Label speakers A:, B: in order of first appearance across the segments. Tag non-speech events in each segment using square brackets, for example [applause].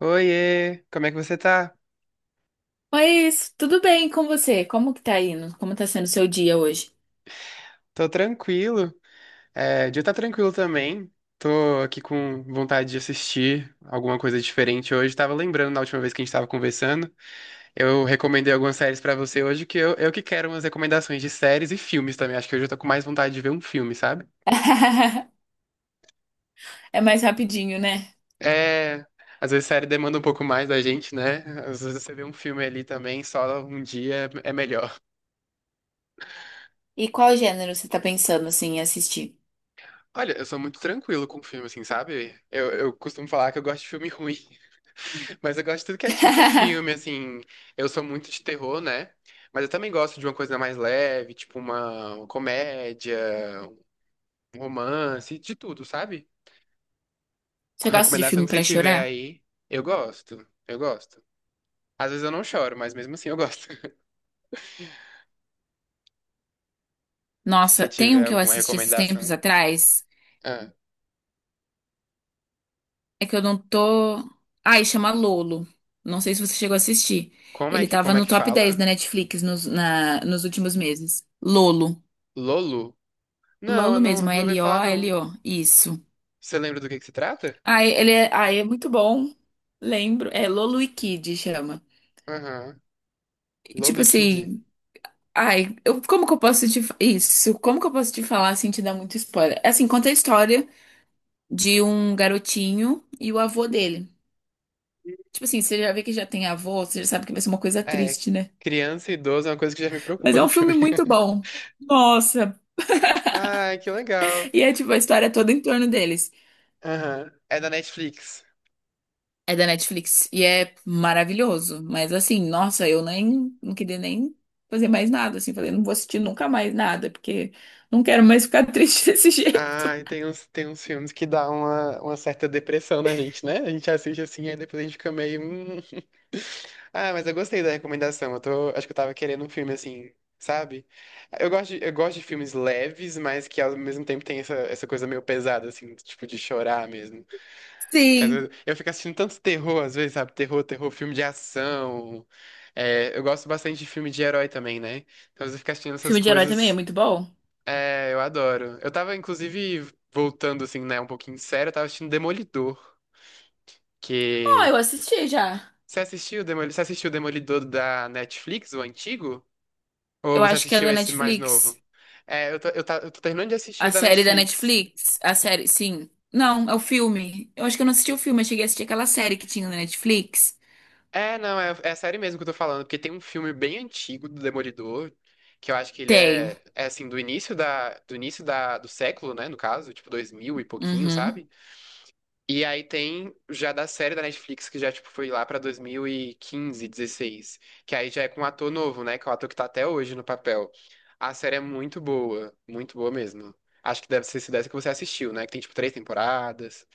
A: Oiê, como é que você tá?
B: Oi, isso. Tudo bem com você? Como que tá indo? Como tá sendo o seu dia hoje?
A: Tô tranquilo. É, o dia tá tranquilo também. Tô aqui com vontade de assistir alguma coisa diferente hoje. Tava lembrando na última vez que a gente tava conversando. Eu recomendei algumas séries pra você hoje, que eu que quero umas recomendações de séries e filmes também. Acho que hoje eu tô com mais vontade de ver um filme, sabe?
B: [laughs] É mais rapidinho, né?
A: É, às vezes série demanda um pouco mais da gente, né? Às vezes você vê um filme ali também, só um dia é melhor. [laughs]
B: E qual gênero você tá pensando assim em assistir?
A: Olha, eu sou muito tranquilo com filme, assim, sabe? Eu costumo falar que eu gosto de filme [laughs] ruim. Mas eu gosto de tudo que é tipo de filme,
B: [laughs]
A: assim. Eu sou muito de terror, né? Mas eu também gosto de uma coisa mais leve, tipo uma comédia, um romance, de tudo, sabe?
B: Você
A: Com
B: gosta de
A: recomendação
B: filme
A: que você
B: pra
A: tiver
B: chorar?
A: aí, eu gosto. Eu gosto. Às vezes eu não choro, mas mesmo assim eu gosto. [laughs] Se
B: Nossa, tem
A: tiver
B: um que eu
A: alguma
B: assisti esses tempos
A: recomendação.
B: atrás.
A: Ah,
B: É que eu não tô. Ai, chama Lolo. Não sei se você chegou a assistir.
A: como é
B: Ele
A: que,
B: tava
A: como é
B: no
A: que
B: top 10
A: fala?
B: da Netflix nos, nos últimos meses. Lolo.
A: Lolo? Não, eu
B: Lolo
A: não,
B: mesmo,
A: não ouvi falar, não.
B: L-O-L-O. Isso.
A: Você lembra do que se trata?
B: Ah, ele é, ah, é muito bom. Lembro. É Lolo e Kid chama.
A: Aham.
B: E,
A: Lolo
B: tipo
A: e Kid?
B: assim, ai, eu, como que eu posso te fa- isso? Como que eu posso te falar sem te dar muito spoiler? É assim, conta a história de um garotinho e o avô dele. Tipo assim, você já vê que já tem avô, você já sabe que vai ser uma coisa
A: É,
B: triste, né?
A: criança e idoso é uma coisa que já me
B: Mas
A: preocupa
B: é
A: no
B: um filme
A: filme.
B: muito
A: [laughs]
B: bom. Nossa.
A: Ai, que legal.
B: E é tipo a história é toda em torno deles.
A: Aham. É da Netflix.
B: É da Netflix e é maravilhoso. Mas assim, nossa, eu nem não queria nem fazer mais nada. Assim, falei, não vou assistir nunca mais nada, porque não quero mais ficar [laughs] triste desse jeito.
A: Ai, tem uns filmes que dá uma certa depressão na gente, né? A gente assiste assim, e depois a gente fica meio "hum, hum". Ah, mas eu gostei da recomendação. Eu tô, acho que eu tava querendo um filme assim, sabe? Eu gosto de filmes leves, mas que ao mesmo tempo tem essa coisa meio pesada, assim, tipo de chorar mesmo. Que às vezes
B: Sim.
A: eu fico assistindo tanto terror, às vezes, sabe? Terror, terror, filme de ação. É, eu gosto bastante de filme de herói também, né? Então, às vezes eu fico assistindo essas
B: Filme de herói também é
A: coisas.
B: muito bom?
A: É, eu adoro. Eu tava, inclusive, voltando, assim, né, um pouquinho sério, eu tava assistindo Demolidor,
B: Ó, eu
A: que...
B: assisti já.
A: Você assistiu o Demolidor da Netflix, o antigo? Ou
B: Eu
A: você
B: acho que é
A: assistiu
B: da
A: esse mais
B: Netflix.
A: novo? Eu tô terminando de assistir o
B: A
A: da
B: série da
A: Netflix.
B: Netflix. A série, sim. Não, é o filme. Eu acho que eu não assisti o filme, eu cheguei a assistir aquela série que tinha na Netflix.
A: É, não, é a série mesmo que eu tô falando, porque tem um filme bem antigo do Demolidor, que eu acho que ele
B: Tem.
A: é assim, do início da, do século, né, no caso, tipo 2000 e pouquinho,
B: Uhum.
A: sabe? E aí tem já da série da Netflix, que já, tipo, foi lá pra 2015, 16. Que aí já é com um ator novo, né? Que é o ator que tá até hoje no papel. A série é muito boa mesmo. Acho que deve ser se dessa que você assistiu, né? Que tem, tipo, três temporadas.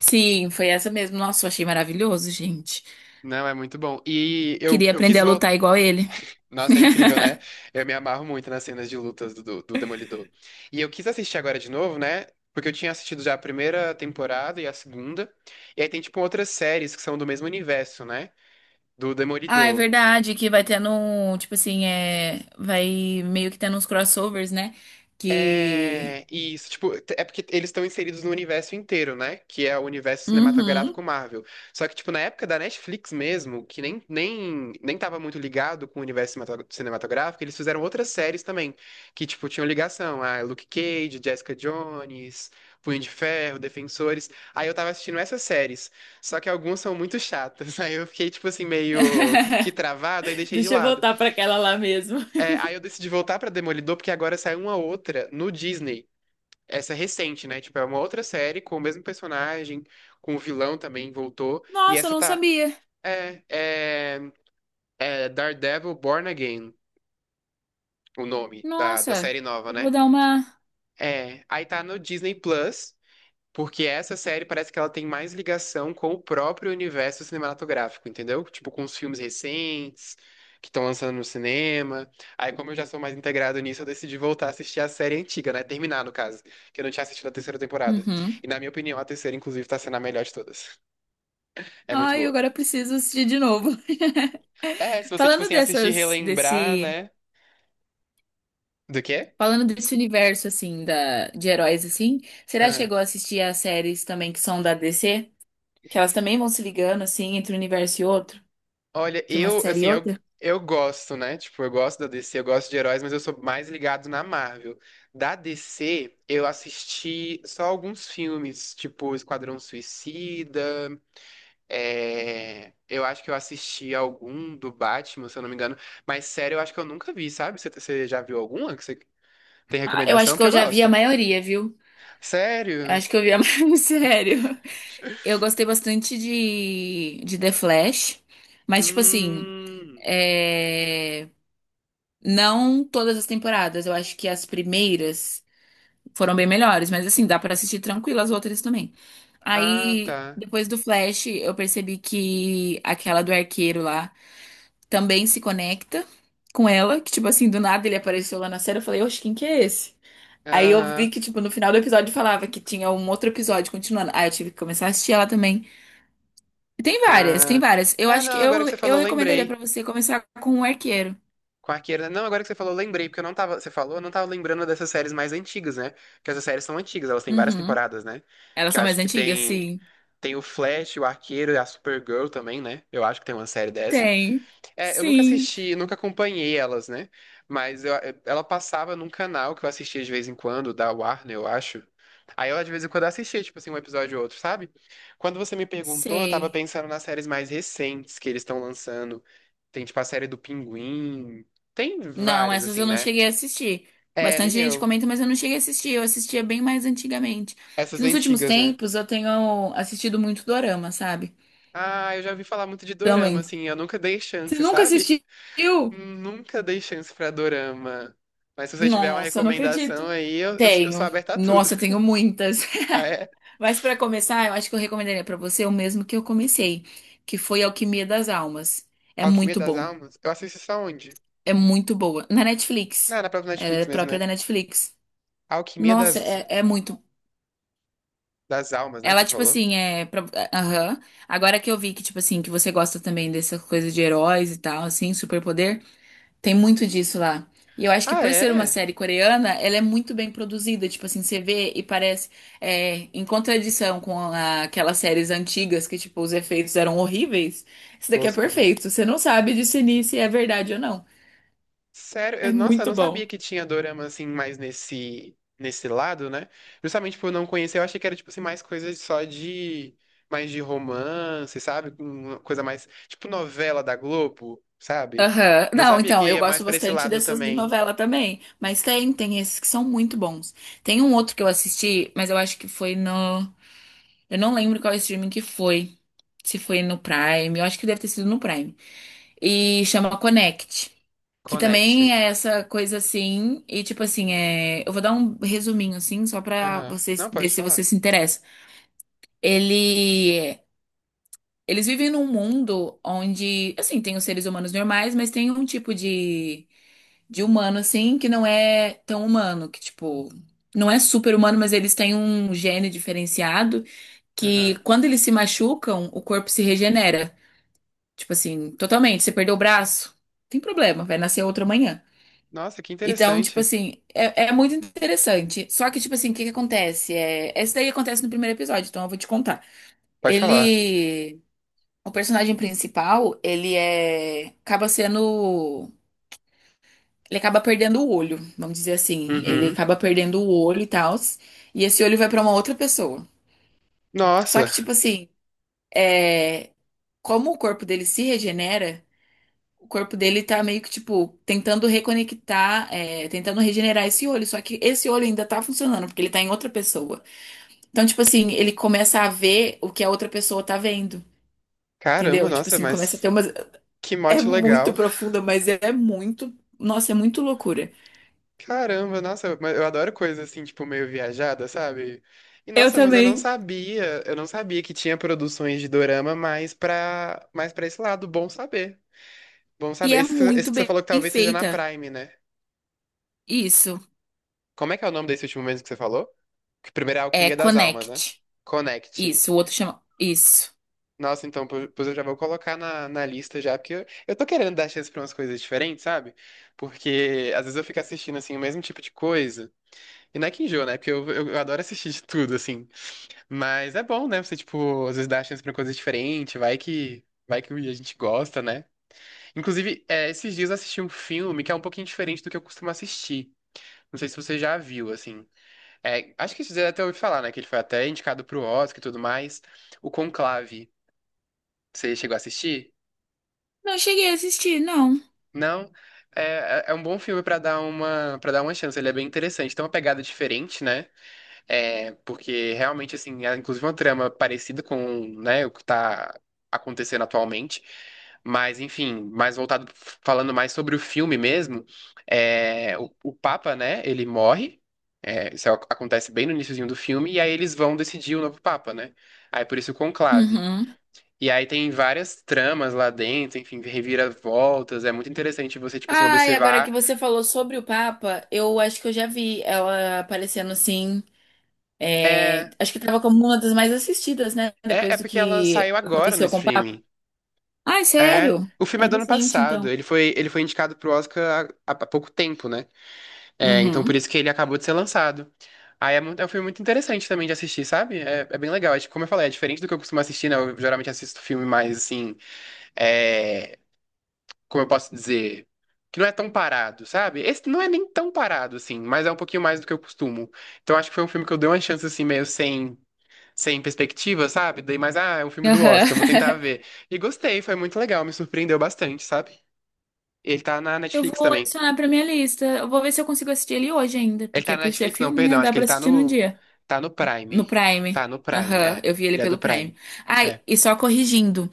B: Sim, foi essa mesmo. Nossa, eu achei maravilhoso, gente.
A: Não, é muito bom. E eu,
B: Queria
A: eu
B: aprender
A: quis
B: a
A: voltar.
B: lutar igual ele.
A: Nossa, é
B: [laughs]
A: incrível, né? Eu me amarro muito nas cenas de lutas do Demolidor. E eu quis assistir agora de novo, né? Porque eu tinha assistido já a primeira temporada e a segunda. E aí tem, tipo, outras séries que são do mesmo universo, né? Do
B: Ah, é
A: Demolidor.
B: verdade que vai tendo um, tipo assim, é, vai meio que tendo uns crossovers, né? Que.
A: É isso, tipo, é porque eles estão inseridos no universo inteiro, né? Que é o universo
B: Uhum.
A: cinematográfico Marvel. Só que, tipo, na época da Netflix mesmo, que nem tava muito ligado com o universo cinematográfico, eles fizeram outras séries também, que, tipo, tinham ligação. Ah, Luke Cage, Jessica Jones, Punho de Ferro, Defensores. Aí eu tava assistindo essas séries, só que algumas são muito chatas. [laughs] Aí eu fiquei, tipo assim, meio que
B: [laughs]
A: travado, aí deixei de
B: Deixa eu
A: lado.
B: voltar pra aquela lá mesmo.
A: É, aí eu decidi voltar pra Demolidor, porque agora saiu uma outra no Disney. Essa é recente, né? Tipo, é uma outra série com o mesmo personagem, com o vilão também voltou.
B: [laughs]
A: E
B: Nossa, eu
A: essa
B: não
A: tá.
B: sabia.
A: É, é, é Daredevil Born Again, o nome da
B: Nossa,
A: série nova,
B: eu vou
A: né?
B: dar uma.
A: É, aí tá no Disney Plus. Porque essa série parece que ela tem mais ligação com o próprio universo cinematográfico, entendeu? Tipo, com os filmes recentes que estão lançando no cinema. Aí, como eu já sou mais integrado nisso, eu decidi voltar a assistir a série antiga, né? Terminar, no caso, que eu não tinha assistido a terceira temporada.
B: Uhum.
A: E, na minha opinião, a terceira, inclusive, tá sendo a melhor de todas. É muito
B: Ai,
A: boa.
B: agora eu preciso assistir de novo.
A: É, se
B: [laughs]
A: você, tipo
B: Falando
A: assim, assistir e
B: dessas,
A: relembrar,
B: desse,
A: né? Do quê?
B: falando desse universo assim da de heróis assim, será que
A: Ah.
B: chegou a assistir as séries também que são da DC? Que elas também vão se ligando assim entre um universo e outro,
A: Olha,
B: entre uma
A: eu,
B: série
A: assim,
B: e
A: eu,
B: outra?
A: eu gosto, né? Tipo, eu gosto da DC, eu gosto de heróis, mas eu sou mais ligado na Marvel. Da DC, eu assisti só alguns filmes, tipo Esquadrão Suicida, eu acho que eu assisti algum do Batman, se eu não me engano, mas sério, eu acho que eu nunca vi, sabe? Você já viu alguma que você tem
B: Ah, eu acho
A: recomendação
B: que
A: que
B: eu
A: eu
B: já vi
A: gosto?
B: a maioria, viu? Eu
A: Sério?
B: acho que eu vi a [laughs] maioria, sério. Eu gostei bastante de The Flash, mas, tipo assim,
A: Hum...
B: é, não todas as temporadas. Eu acho que as primeiras foram bem melhores, mas, assim, dá pra assistir tranquilo as outras também.
A: Ah,
B: Aí,
A: tá.
B: depois do Flash, eu percebi que aquela do arqueiro lá também se conecta com ela, que, tipo assim, do nada ele apareceu lá na série. Eu falei, oxe, quem que é esse? Aí eu vi
A: Aham.
B: que, tipo, no final do episódio falava que tinha um outro episódio continuando. Aí eu tive que começar a assistir ela também. E tem várias, tem
A: Ah,
B: várias. Eu
A: é,
B: acho que
A: não,
B: eu,
A: agora que você
B: eu
A: falou,
B: recomendaria pra
A: lembrei.
B: você começar com o Arqueiro.
A: Quarqueira. Não, agora que você falou, eu lembrei, porque eu não tava. Você falou, eu não tava lembrando dessas séries mais antigas, né? Porque essas séries são antigas, elas têm várias
B: Uhum.
A: temporadas, né?
B: Elas
A: Que eu
B: são
A: acho
B: mais
A: que
B: antigas?
A: tem.
B: Sim.
A: Tem o Flash, o Arqueiro, a Supergirl também, né? Eu acho que tem uma série dessa.
B: Tem.
A: É, eu nunca
B: Sim.
A: assisti, nunca acompanhei elas, né? Mas ela passava num canal que eu assistia de vez em quando, da Warner, eu acho. Aí eu de vez em quando assistia, tipo assim, um episódio ou outro, sabe? Quando você me perguntou, eu tava
B: Sei.
A: pensando nas séries mais recentes que eles estão lançando. Tem, tipo, a série do Pinguim. Tem
B: Não,
A: várias,
B: essas
A: assim,
B: eu não
A: né?
B: cheguei a assistir.
A: É,
B: Bastante
A: nem
B: gente
A: eu.
B: comenta, mas eu não cheguei a assistir. Eu assistia bem mais antigamente. Que
A: Essas
B: nos últimos
A: antigas, né?
B: tempos eu tenho assistido muito dorama, sabe?
A: Ah, eu já ouvi falar muito de dorama,
B: Também.
A: assim. Eu nunca dei
B: Você
A: chance,
B: nunca
A: sabe?
B: assistiu?
A: Nunca dei chance pra dorama. Mas se você tiver uma
B: Nossa, não
A: recomendação
B: acredito.
A: aí, eu sou
B: Tenho.
A: aberta a tudo.
B: Nossa, eu tenho
A: [laughs]
B: muitas.
A: Ah,
B: [laughs]
A: é?
B: Mas para começar, eu acho que eu recomendaria para você o mesmo que eu comecei, que foi Alquimia das Almas. É
A: Alquimia
B: muito
A: das
B: bom.
A: Almas? Eu assisto isso aonde?
B: É muito boa. Na Netflix.
A: Ah, na própria
B: Ela é
A: Netflix mesmo,
B: própria
A: né?
B: da Netflix.
A: Alquimia
B: Nossa,
A: das,
B: é, é muito.
A: das Almas, né? Que
B: Ela,
A: você
B: tipo
A: falou?
B: assim, Aham. Agora que eu vi que, tipo assim, que você gosta também dessa coisa de heróis e tal, assim, superpoder. Tem muito disso lá. E eu acho que
A: Ah,
B: por ser uma
A: é?
B: série coreana, ela é muito bem produzida. Tipo assim, você vê e parece é, em contradição com aquelas séries antigas que, tipo, os efeitos eram horríveis. Isso daqui é
A: Toscos, né?
B: perfeito. Você não sabe discernir se é verdade ou não.
A: Sério,
B: É
A: nossa, eu
B: muito
A: não
B: bom.
A: sabia que tinha dorama assim mais nesse lado, né? Justamente por não conhecer, eu achei que era tipo assim mais coisa só de mais de romance, sabe? Uma coisa mais tipo novela da Globo, sabe?
B: Aham.
A: Não
B: Não,
A: sabia
B: então,
A: que
B: eu
A: ia mais
B: gosto
A: pra esse
B: bastante
A: lado
B: dessas de
A: também.
B: novela também. Mas tem, tem esses que são muito bons. Tem um outro que eu assisti, mas eu acho que foi no. Eu não lembro qual streaming que foi. Se foi no Prime. Eu acho que deve ter sido no Prime. E chama Connect. Que
A: Connect.
B: também é essa coisa assim, e tipo assim, é... eu vou dar um resuminho assim, só pra
A: Aham. Não,
B: vocês ver
A: pode
B: se você
A: falar.
B: se interessa. Ele... Eles vivem num mundo onde, assim, tem os seres humanos normais, mas tem um tipo de humano, assim, que não é tão humano, que tipo, não é super humano, mas eles têm um gene diferenciado
A: Aham.
B: que quando eles se machucam, o corpo se regenera. Tipo assim, totalmente. Você perdeu o braço, tem problema, vai nascer outro amanhã.
A: Nossa, que
B: Então, tipo
A: interessante.
B: assim, é, é muito interessante. Só que, tipo assim, o que que acontece? É, essa daí acontece no primeiro episódio, então eu vou te contar.
A: Pode falar.
B: Ele, o personagem principal, ele é, acaba sendo, ele acaba perdendo o olho, vamos dizer assim. Ele
A: Uhum.
B: acaba perdendo o olho e tal, e esse olho vai pra uma outra pessoa. Só que,
A: Nossa,
B: tipo assim, é, como o corpo dele se regenera. O corpo dele tá meio que, tipo, tentando reconectar, é, tentando regenerar esse olho. Só que esse olho ainda tá funcionando, porque ele tá em outra pessoa. Então, tipo assim, ele começa a ver o que a outra pessoa tá vendo.
A: caramba,
B: Entendeu? Tipo
A: nossa,
B: assim, começa a
A: mas
B: ter umas.
A: que
B: É
A: mote
B: muito
A: legal.
B: profunda, mas é muito. Nossa, é muito loucura.
A: Caramba, nossa, mas eu adoro coisa assim, tipo, meio viajada, sabe? E
B: Eu
A: nossa, mas eu não
B: também.
A: sabia, eu não sabia que tinha produções de dorama mais pra esse lado, bom saber. Bom
B: E
A: saber.
B: é
A: Esse, que-
B: muito
A: esse que você
B: bem
A: falou que talvez seja na
B: feita.
A: Prime, né?
B: Isso.
A: Como é que é o nome desse último mesmo que você falou? Que primeiro é
B: É
A: Alquimia das Almas, né?
B: Connect.
A: Connect.
B: Isso. O outro chama. Isso.
A: Nossa, então, pois eu já vou colocar na lista já, porque eu tô querendo dar chance pra umas coisas diferentes, sabe? Porque às vezes eu fico assistindo, assim, o mesmo tipo de coisa. E não é que enjoa, né? Porque eu adoro assistir de tudo, assim. Mas é bom, né? Você, tipo, às vezes dá chance pra coisas diferentes, vai que a gente gosta, né? Inclusive, é, esses dias eu assisti um filme que é um pouquinho diferente do que eu costumo assistir. Não sei se você já viu, assim. É, acho que você até ouviu falar, né? Que ele foi até indicado pro Oscar e tudo mais. O Conclave. Você chegou a assistir?
B: Não cheguei a assistir, não.
A: Não? É um bom filme pra para dar uma chance. Ele é bem interessante. Tem uma pegada diferente, né? É, porque realmente, assim, é inclusive uma trama parecida com, né, o que tá acontecendo atualmente. Mas, enfim, mais voltado, falando mais sobre o filme mesmo, é, o Papa, né, ele morre. É, isso acontece bem no iniciozinho do filme, e aí eles vão decidir o novo Papa, né? Aí por isso o conclave.
B: Uhum.
A: E aí tem várias tramas lá dentro, enfim, reviravoltas. É muito interessante você, tipo assim,
B: Ai, agora que
A: observar.
B: você falou sobre o Papa, eu acho que eu já vi ela aparecendo assim. É,
A: É,
B: acho que tava como uma das mais assistidas, né?
A: é
B: Depois do
A: porque ela
B: que
A: saiu agora no
B: aconteceu com o Papa.
A: streaming.
B: Ai,
A: É,
B: sério?
A: o
B: É
A: filme é do ano
B: recente,
A: passado.
B: então.
A: Ele foi indicado pro Oscar há pouco tempo, né? É, então por
B: Uhum.
A: isso que ele acabou de ser lançado. Aí é um filme muito interessante também de assistir, sabe? É bem legal. Acho que, como eu falei, é diferente do que eu costumo assistir, né? Eu geralmente assisto filme mais assim, é, como eu posso dizer, que não é tão parado, sabe? Esse não é nem tão parado, assim, mas é um pouquinho mais do que eu costumo. Então acho que foi um filme que eu dei uma chance assim, meio sem perspectiva, sabe? Dei mais, ah, é um filme do Oscar, vou tentar
B: Aham. [laughs]
A: ver. E gostei, foi muito legal, me surpreendeu bastante, sabe? Ele tá na
B: Eu
A: Netflix
B: vou
A: também.
B: adicionar pra minha lista. Eu vou ver se eu consigo assistir ele hoje ainda,
A: Ele tá
B: porque
A: na
B: por ser
A: Netflix, não,
B: filme, né?
A: perdão. Acho
B: Dá
A: que
B: pra
A: ele tá
B: assistir num
A: no.
B: dia.
A: Tá no
B: No
A: Prime.
B: Prime.
A: Tá no Prime,
B: Aham,
A: é.
B: eu vi ele
A: Ele é do
B: pelo Prime.
A: Prime.
B: Ai,
A: É.
B: e só corrigindo,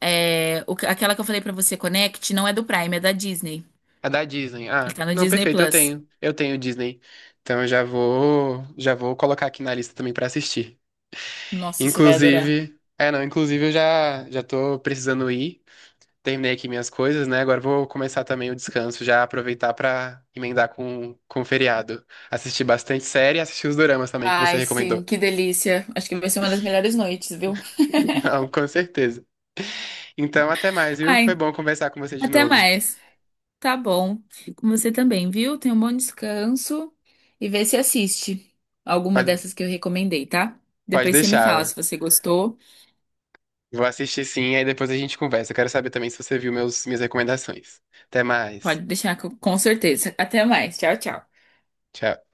B: é, aquela que eu falei pra você, Connect, não é do Prime, é da Disney.
A: É da Disney.
B: Ele
A: Ah,
B: tá no
A: não,
B: Disney
A: perfeito, eu
B: Plus.
A: tenho. Eu tenho Disney. Então eu já vou. Já vou colocar aqui na lista também pra assistir.
B: Nossa, você vai adorar.
A: Inclusive. É, não, inclusive eu já tô precisando ir. Terminei aqui minhas coisas, né? Agora eu vou começar também o descanso, já aproveitar pra emendar com o feriado. Assistir bastante série e assistir os doramas também que você
B: Ai,
A: recomendou.
B: sim,
A: [laughs]
B: que delícia. Acho que vai ser uma das melhores noites, viu?
A: Não, com certeza. Então, até mais, viu? Foi
B: Ai,
A: bom conversar com você de
B: até
A: novo.
B: mais. Tá bom. Com você também, viu? Tenha um bom descanso e vê se assiste alguma
A: Pode,
B: dessas que eu recomendei, tá?
A: pode
B: Depois você me fala se
A: deixar.
B: você gostou.
A: Vou assistir sim, aí depois a gente conversa. Eu quero saber também se você viu meus, minhas recomendações. Até mais.
B: Pode deixar que eu- Com certeza. Até mais. Tchau, tchau.
A: Tchau.